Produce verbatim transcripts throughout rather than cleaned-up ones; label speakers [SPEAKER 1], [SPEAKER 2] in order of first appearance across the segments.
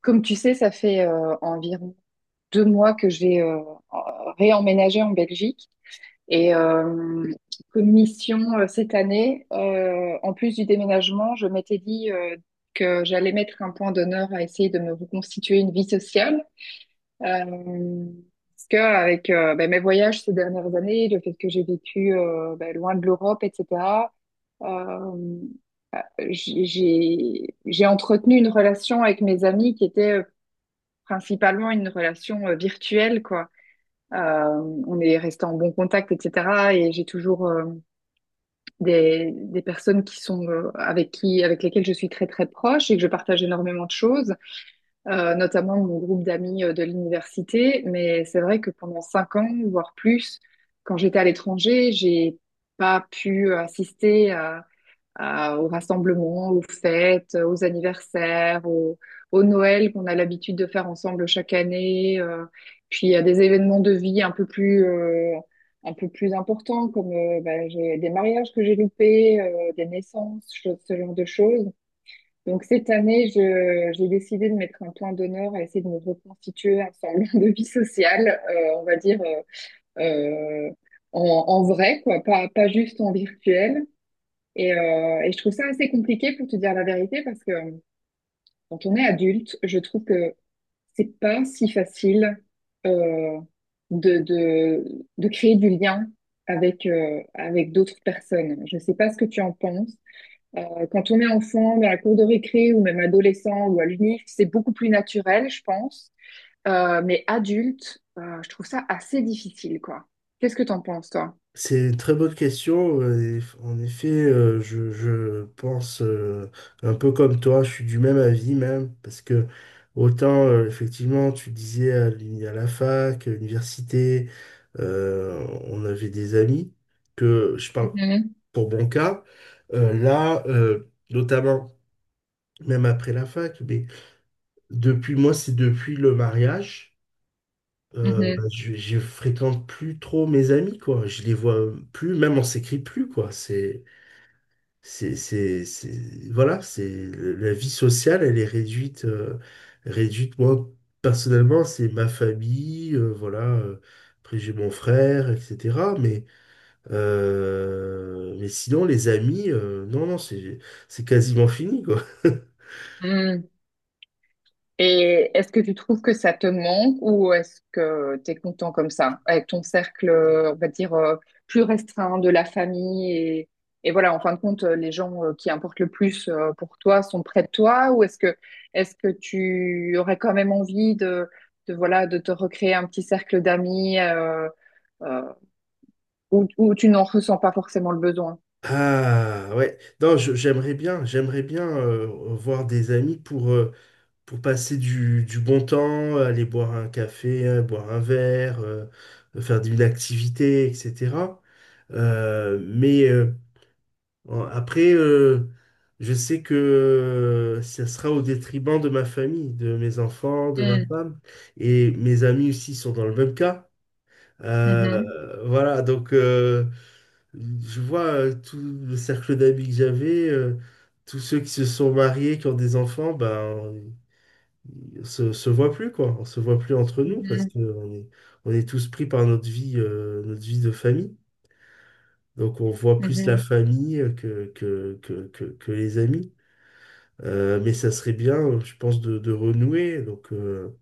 [SPEAKER 1] Comme tu sais, ça fait euh, environ deux mois que j'ai euh, réemménagé en Belgique et euh, comme mission euh, cette année, euh, en plus du déménagement, je m'étais dit euh, que j'allais mettre un point d'honneur à essayer de me reconstituer une vie sociale. Euh, parce que avec euh, bah, mes voyages ces dernières années, le fait que j'ai vécu euh, bah, loin de l'Europe, et cetera. Euh, j'ai j'ai j'ai entretenu une relation avec mes amis qui était principalement une relation euh, virtuelle, quoi. Euh, on est resté en bon contact, et cetera. Et j'ai toujours euh, des, des personnes qui sont euh, avec qui, avec lesquelles je suis très très proche et que je partage énormément de choses, euh, notamment mon groupe d'amis euh, de l'université. Mais c'est vrai que pendant cinq ans, voire plus, quand j'étais à l'étranger, j'ai pas pu assister à à- aux rassemblements, aux fêtes, aux anniversaires, au, au Noël qu'on a l'habitude de faire ensemble chaque année, euh, puis à des événements de vie un peu plus, euh, un peu plus importants comme euh, bah, j'ai des mariages que j'ai loupés, euh, des naissances, cho- ce genre de choses. Donc cette année, je, j'ai décidé de mettre un point d'honneur à essayer de me reconstituer un semblant de vie sociale, euh, on va dire euh, euh, en, en vrai, quoi, pas, pas juste en virtuel. Et, euh, et je trouve ça assez compliqué pour te dire la vérité parce que euh, quand on est adulte, je trouve que c'est pas si facile euh, de, de, de créer du lien avec, euh, avec d'autres personnes. Je sais pas ce que tu en penses. Euh, quand on est enfant, dans la cour de récré ou même adolescent ou à l'UNIF, c'est beaucoup plus naturel, je pense. Euh, mais adulte, euh, je trouve ça assez difficile, quoi. Qu'est-ce que t'en penses, toi?
[SPEAKER 2] C'est une très bonne question. euh, et En effet, euh, je, je pense euh, un peu comme toi. Je suis du même avis même, parce que autant, euh, effectivement, tu disais à, l'uni- à la fac, à l'université, euh, on avait des amis, que je parle
[SPEAKER 1] Mhm,
[SPEAKER 2] pour mon cas, euh, là, euh, notamment, même après la fac. Mais depuis, moi, c'est depuis le mariage. Euh, bah,
[SPEAKER 1] mhm,
[SPEAKER 2] je, je fréquente plus trop mes amis, quoi. Je les vois plus, même on s'écrit plus, quoi. C'est, c'est, c'est, c'est- voilà, c'est, le- la vie sociale, elle est réduite, euh, réduite. Moi, personnellement, c'est ma famille, euh, voilà. euh, Après, j'ai mon frère, et cetera. Mais, euh, mais sinon, les amis, euh, non, non, c'est, c'est quasiment fini, quoi.
[SPEAKER 1] mhm. Et est-ce que tu trouves que ça te manque ou est-ce que tu es content comme ça, avec ton cercle, euh, on va dire, euh, plus restreint de la famille et, et voilà, en fin de compte, euh, les gens euh, qui importent le plus euh, pour toi sont près de toi ou est-ce que est-ce que tu aurais quand même envie de, de voilà de te recréer un petit cercle d'amis euh, euh, où, où tu n'en ressens pas forcément le besoin?
[SPEAKER 2] Ah ouais, non, je- j'aimerais bien, j'aimerais bien euh, voir des amis pour, euh, pour passer du, du bon temps, aller boire un café, euh, boire un verre, euh, euh, faire une activité, et cetera. Euh, mais euh, en- après, euh, je sais que euh, ça sera au détriment de ma famille, de mes enfants, de ma
[SPEAKER 1] Mm,
[SPEAKER 2] femme, et mes amis aussi sont dans le même cas. Euh,
[SPEAKER 1] mhm,
[SPEAKER 2] voilà, donc euh, je vois euh, tout le cercle d'amis que j'avais, euh, tous ceux qui se sont mariés, qui ont des enfants, ben se, se voit plus, quoi. On se voit plus entre nous parce
[SPEAKER 1] mhm,
[SPEAKER 2] que on est, on est tous pris par notre vie, euh, notre vie de famille. Donc on voit plus la
[SPEAKER 1] mhm,
[SPEAKER 2] famille que, que, que, que, que les amis. Euh, mais ça serait bien, je pense, de, de renouer. Donc euh,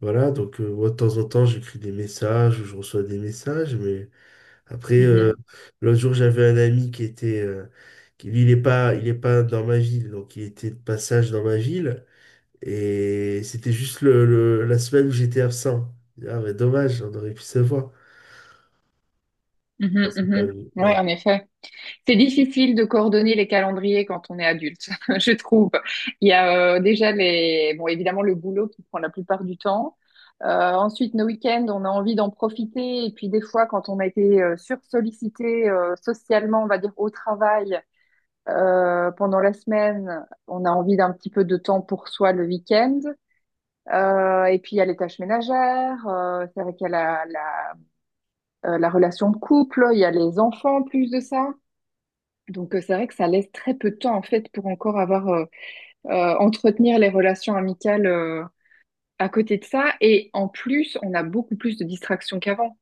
[SPEAKER 2] voilà, donc euh, Moi, de temps en temps, j'écris des messages ou je reçois des messages. Mais après, euh,
[SPEAKER 1] mhm,
[SPEAKER 2] l'autre jour, j'avais un ami qui était... euh, qui- Lui, il est pas, il est pas dans ma ville, donc il était de passage dans ma ville. Et c'était juste le, le- la semaine où j'étais absent. Ah, mais dommage, on aurait pu se voir. Bon,
[SPEAKER 1] mhm,
[SPEAKER 2] c'est pas
[SPEAKER 1] mhm.
[SPEAKER 2] grave. Ouais.
[SPEAKER 1] Ouais, en effet. C'est difficile de coordonner les calendriers quand on est adulte, je trouve. Il y a euh, déjà les, bon, évidemment le boulot qui prend la plupart du temps. Euh, ensuite, nos week-ends, on a envie d'en profiter. Et puis des fois, quand on a été euh, sursollicité euh, socialement, on va dire au travail euh, pendant la semaine, on a envie d'un petit peu de temps pour soi le week-end. Euh, et puis il y a les tâches ménagères. euh, c'est vrai qu'il y a la, la, euh, la relation de couple. Il y a les enfants en plus de ça. Donc euh, c'est vrai que ça laisse très peu de temps en fait pour encore avoir euh, euh, entretenir les relations amicales euh, à côté de ça. Et en plus, on a beaucoup plus de distractions qu'avant.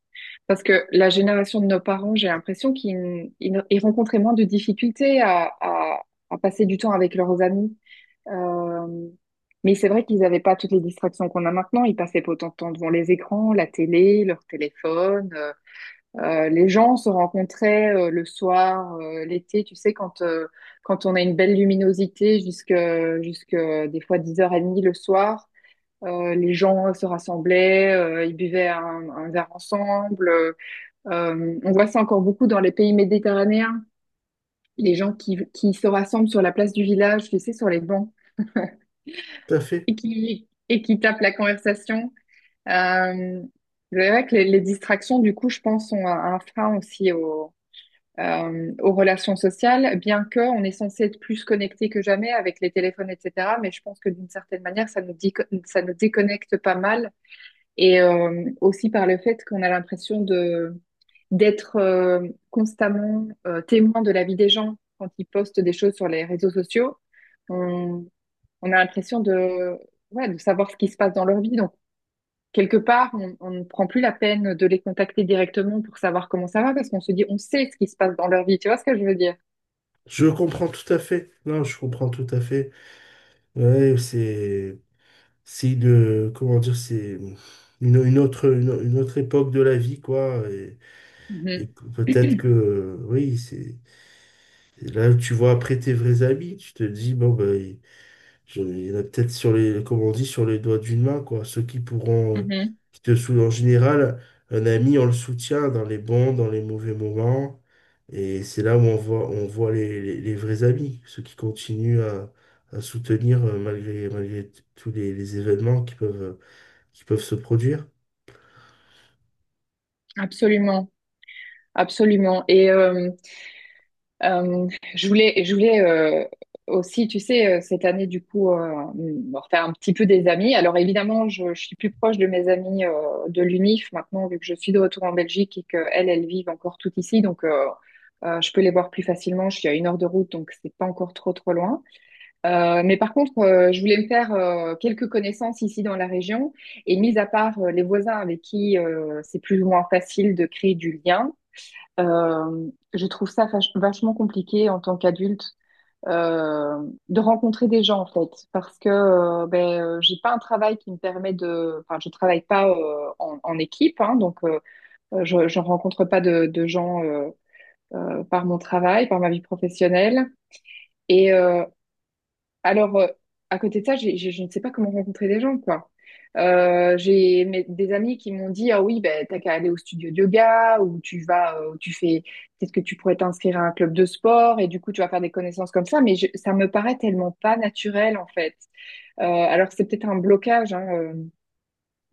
[SPEAKER 1] Parce que la génération de nos parents, j'ai l'impression qu'ils ils- ils rencontraient moins de difficultés à, à- à passer du temps avec leurs amis. Euh, mais c'est vrai qu'ils n'avaient pas toutes les distractions qu'on a maintenant. Ils passaient pas autant de temps devant les écrans, la télé, leur téléphone. euh, euh, les gens se rencontraient euh, le soir, euh, l'été, tu sais, quand, euh, quand on a une belle luminosité jusque, jusque euh, des fois dix heures trente le soir, euh, les gens se rassemblaient, euh, ils buvaient un, un verre ensemble. Euh, euh, on voit ça encore beaucoup dans les pays méditerranéens, les gens qui, qui se rassemblent sur la place du village, tu sais, sur les bancs,
[SPEAKER 2] Tout à fait.
[SPEAKER 1] et qui, et qui tapent la conversation. Euh, c'est vrai que les, les distractions, du coup, je pense, sont un, un frein aussi euh, aux relations sociales, bien que on est censé être plus connecté que jamais avec les téléphones, et cetera. Mais je pense que d'une certaine manière, ça nous dit, ça nous déconnecte pas mal, et euh, aussi par le fait qu'on a l'impression de d'être euh, constamment euh, témoin de la vie des gens quand ils postent des choses sur les réseaux sociaux. On, on a l'impression de, ouais, de savoir ce qui se passe dans leur vie. Donc, quelque part, on, on ne prend plus la peine de les contacter directement pour savoir comment ça va parce qu'on se dit, on sait ce qui se passe dans leur vie. Tu vois ce que je veux dire?
[SPEAKER 2] Je comprends tout à fait. Non, je comprends tout à fait. Ouais, c'est, c'est une, comment dire, c'est une, une autre, une, une autre époque de la vie, quoi. Et et
[SPEAKER 1] Mhm.
[SPEAKER 2] que- peut-être que, oui, c'est là tu vois. Après, tes vrais amis, tu te dis, bon, ben, Je- il y en a peut-être sur les, comme on dit, sur les doigts d'une main, quoi. Ceux qui pourront, euh,
[SPEAKER 1] Mhm.
[SPEAKER 2] qui te soutiennent en général. Un ami, on le soutient dans les bons, dans les mauvais moments. Et c'est là où on voit, on voit les, les, les vrais amis, ceux qui continuent à, à soutenir euh, malgré, malgré t- tous les, les événements qui peuvent, qui peuvent se produire.
[SPEAKER 1] Absolument, absolument. Et euh, euh, je voulais, je voulais euh, aussi, tu sais, euh, cette année, du coup, euh, me refaire un petit peu des amis. Alors évidemment, je, je suis plus proche de mes amis euh, de l'UNIF maintenant, vu que je suis de retour en Belgique et qu'elles, elles vivent encore toutes ici. Donc, euh, euh, je peux les voir plus facilement. Je suis à une heure de route, donc c'est pas encore trop, trop loin. Euh, mais par contre, euh, je voulais me faire euh, quelques connaissances ici dans la région. Et mis à part euh, les voisins avec qui euh, c'est plus ou moins facile de créer du lien, euh, je trouve ça fach- vachement compliqué en tant qu'adulte euh, de rencontrer des gens en fait, parce que euh, ben euh, j'ai pas un travail qui me permet de, enfin je travaille pas euh, en, en équipe, hein, donc euh, je, je rencontre pas de, de gens euh, euh, par mon travail, par ma vie professionnelle. Et, euh, alors, euh, à côté de ça, j'ai, j'ai- je ne sais pas comment rencontrer des gens, quoi. Euh, j'ai mes- des amis qui m'ont dit, ah oui, ben, t'as qu'à aller au studio de yoga, ou tu vas, euh, tu fais, peut-être que tu pourrais t'inscrire à un club de sport, et du coup, tu vas faire des connaissances comme ça, mais je- ça me paraît tellement pas naturel, en fait. Euh, alors, c'est peut-être un blocage, hein, euh,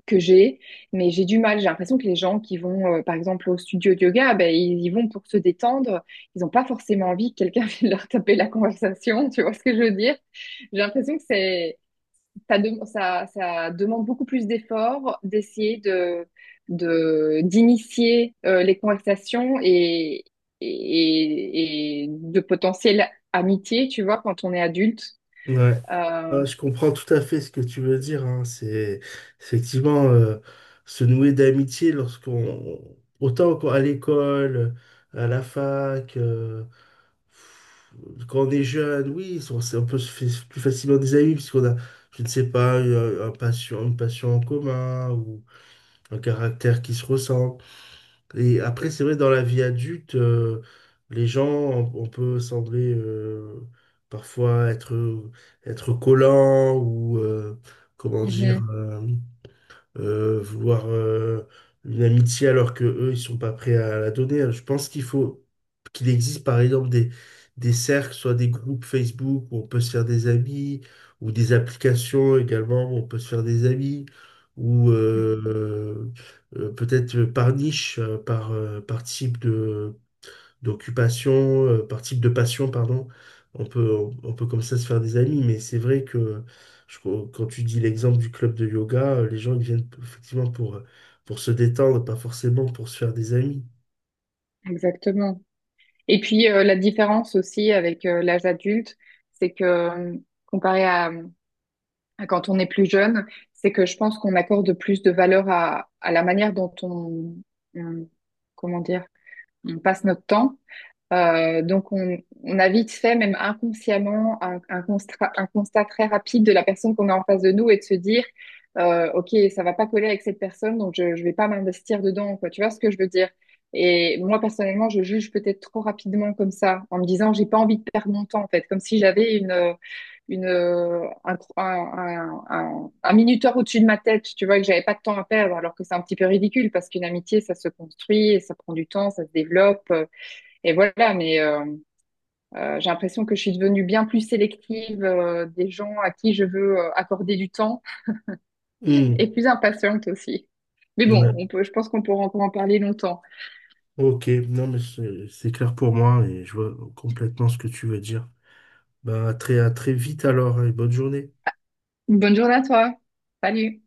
[SPEAKER 1] que j'ai, mais j'ai du mal. J'ai l'impression que les gens qui vont, euh, par exemple, au studio de yoga, ben, ils y vont pour se détendre. Ils n'ont pas forcément envie que quelqu'un vienne leur taper la conversation. Tu vois ce que je veux dire? J'ai l'impression que c'est, ça, dem- ça, ça demande beaucoup plus d'efforts d'essayer de, de, d'initier euh, les conversations et, et, et de potentielles amitiés, tu vois, quand on est adulte.
[SPEAKER 2] Ouais.
[SPEAKER 1] Euh,
[SPEAKER 2] Ouais, je comprends tout à fait ce que tu veux dire, hein. C'est effectivement euh, se nouer d'amitié lorsqu'on, autant qu'on- à l'école, à la fac, euh, quand on est jeune. Oui, on, s'est- on peut se faire plus facilement des amis puisqu'on a, je ne sais pas, un, un passion, une passion en commun, ou un caractère qui se ressemble. Et après, c'est vrai, dans la vie adulte, euh, les gens, on, on peut sembler euh, parfois être, être collant, ou, euh, comment dire,
[SPEAKER 1] mhm,
[SPEAKER 2] euh, euh, vouloir euh, une amitié alors que eux, ils sont pas prêts à la donner. Je pense qu'il faut qu'il existe par exemple des, des cercles, soit des groupes Facebook où on peut se faire des amis, ou des applications également où on peut se faire des amis, ou euh, euh, peut-être par niche, euh, par, euh, par type de d'occupation, euh, par type de passion, pardon. On peut, on, on peut comme ça se faire des amis, mais c'est vrai que je- quand tu dis l'exemple du club de yoga, euh, les gens ils viennent effectivement pour, euh, pour se détendre, pas forcément pour se faire des amis.
[SPEAKER 1] exactement. Et puis euh, la différence aussi avec euh, l'âge adulte, c'est que euh, comparé à, à quand on est plus jeune, c'est que je pense qu'on accorde plus de valeur à, à la manière dont on, on- comment dire, on passe notre temps. Euh, donc, on, on a vite fait, même inconsciemment, un, un constat, un constat très rapide de la personne qu'on a en face de nous et de se dire, euh, OK, ça va pas coller avec cette personne, donc je, je vais pas m'investir dedans, quoi. Tu vois ce que je veux dire? Et moi, personnellement, je juge peut-être trop rapidement comme ça, en me disant, j'ai pas envie de perdre mon temps, en fait, comme si j'avais une, euh, une, euh, un, cro- un, un, un- un minuteur au-dessus de ma tête, tu vois, et que j'avais pas de temps à perdre, alors que c'est un petit peu ridicule parce qu'une amitié, ça se construit, et ça prend du temps, ça se développe. Et voilà, mais euh, euh, j'ai l'impression que je suis devenue bien plus sélective euh, des gens à qui je veux euh, accorder du temps et
[SPEAKER 2] Hmm,
[SPEAKER 1] plus impatiente aussi. Mais bon, on
[SPEAKER 2] ouais.
[SPEAKER 1] peut, je pense qu'on pourra encore en parler longtemps.
[SPEAKER 2] Ok, non mais c'est c'est clair pour moi et je vois complètement ce que tu veux dire. Bah, à très, à très vite alors, hein, et bonne journée.
[SPEAKER 1] Bonne journée à toi. Salut.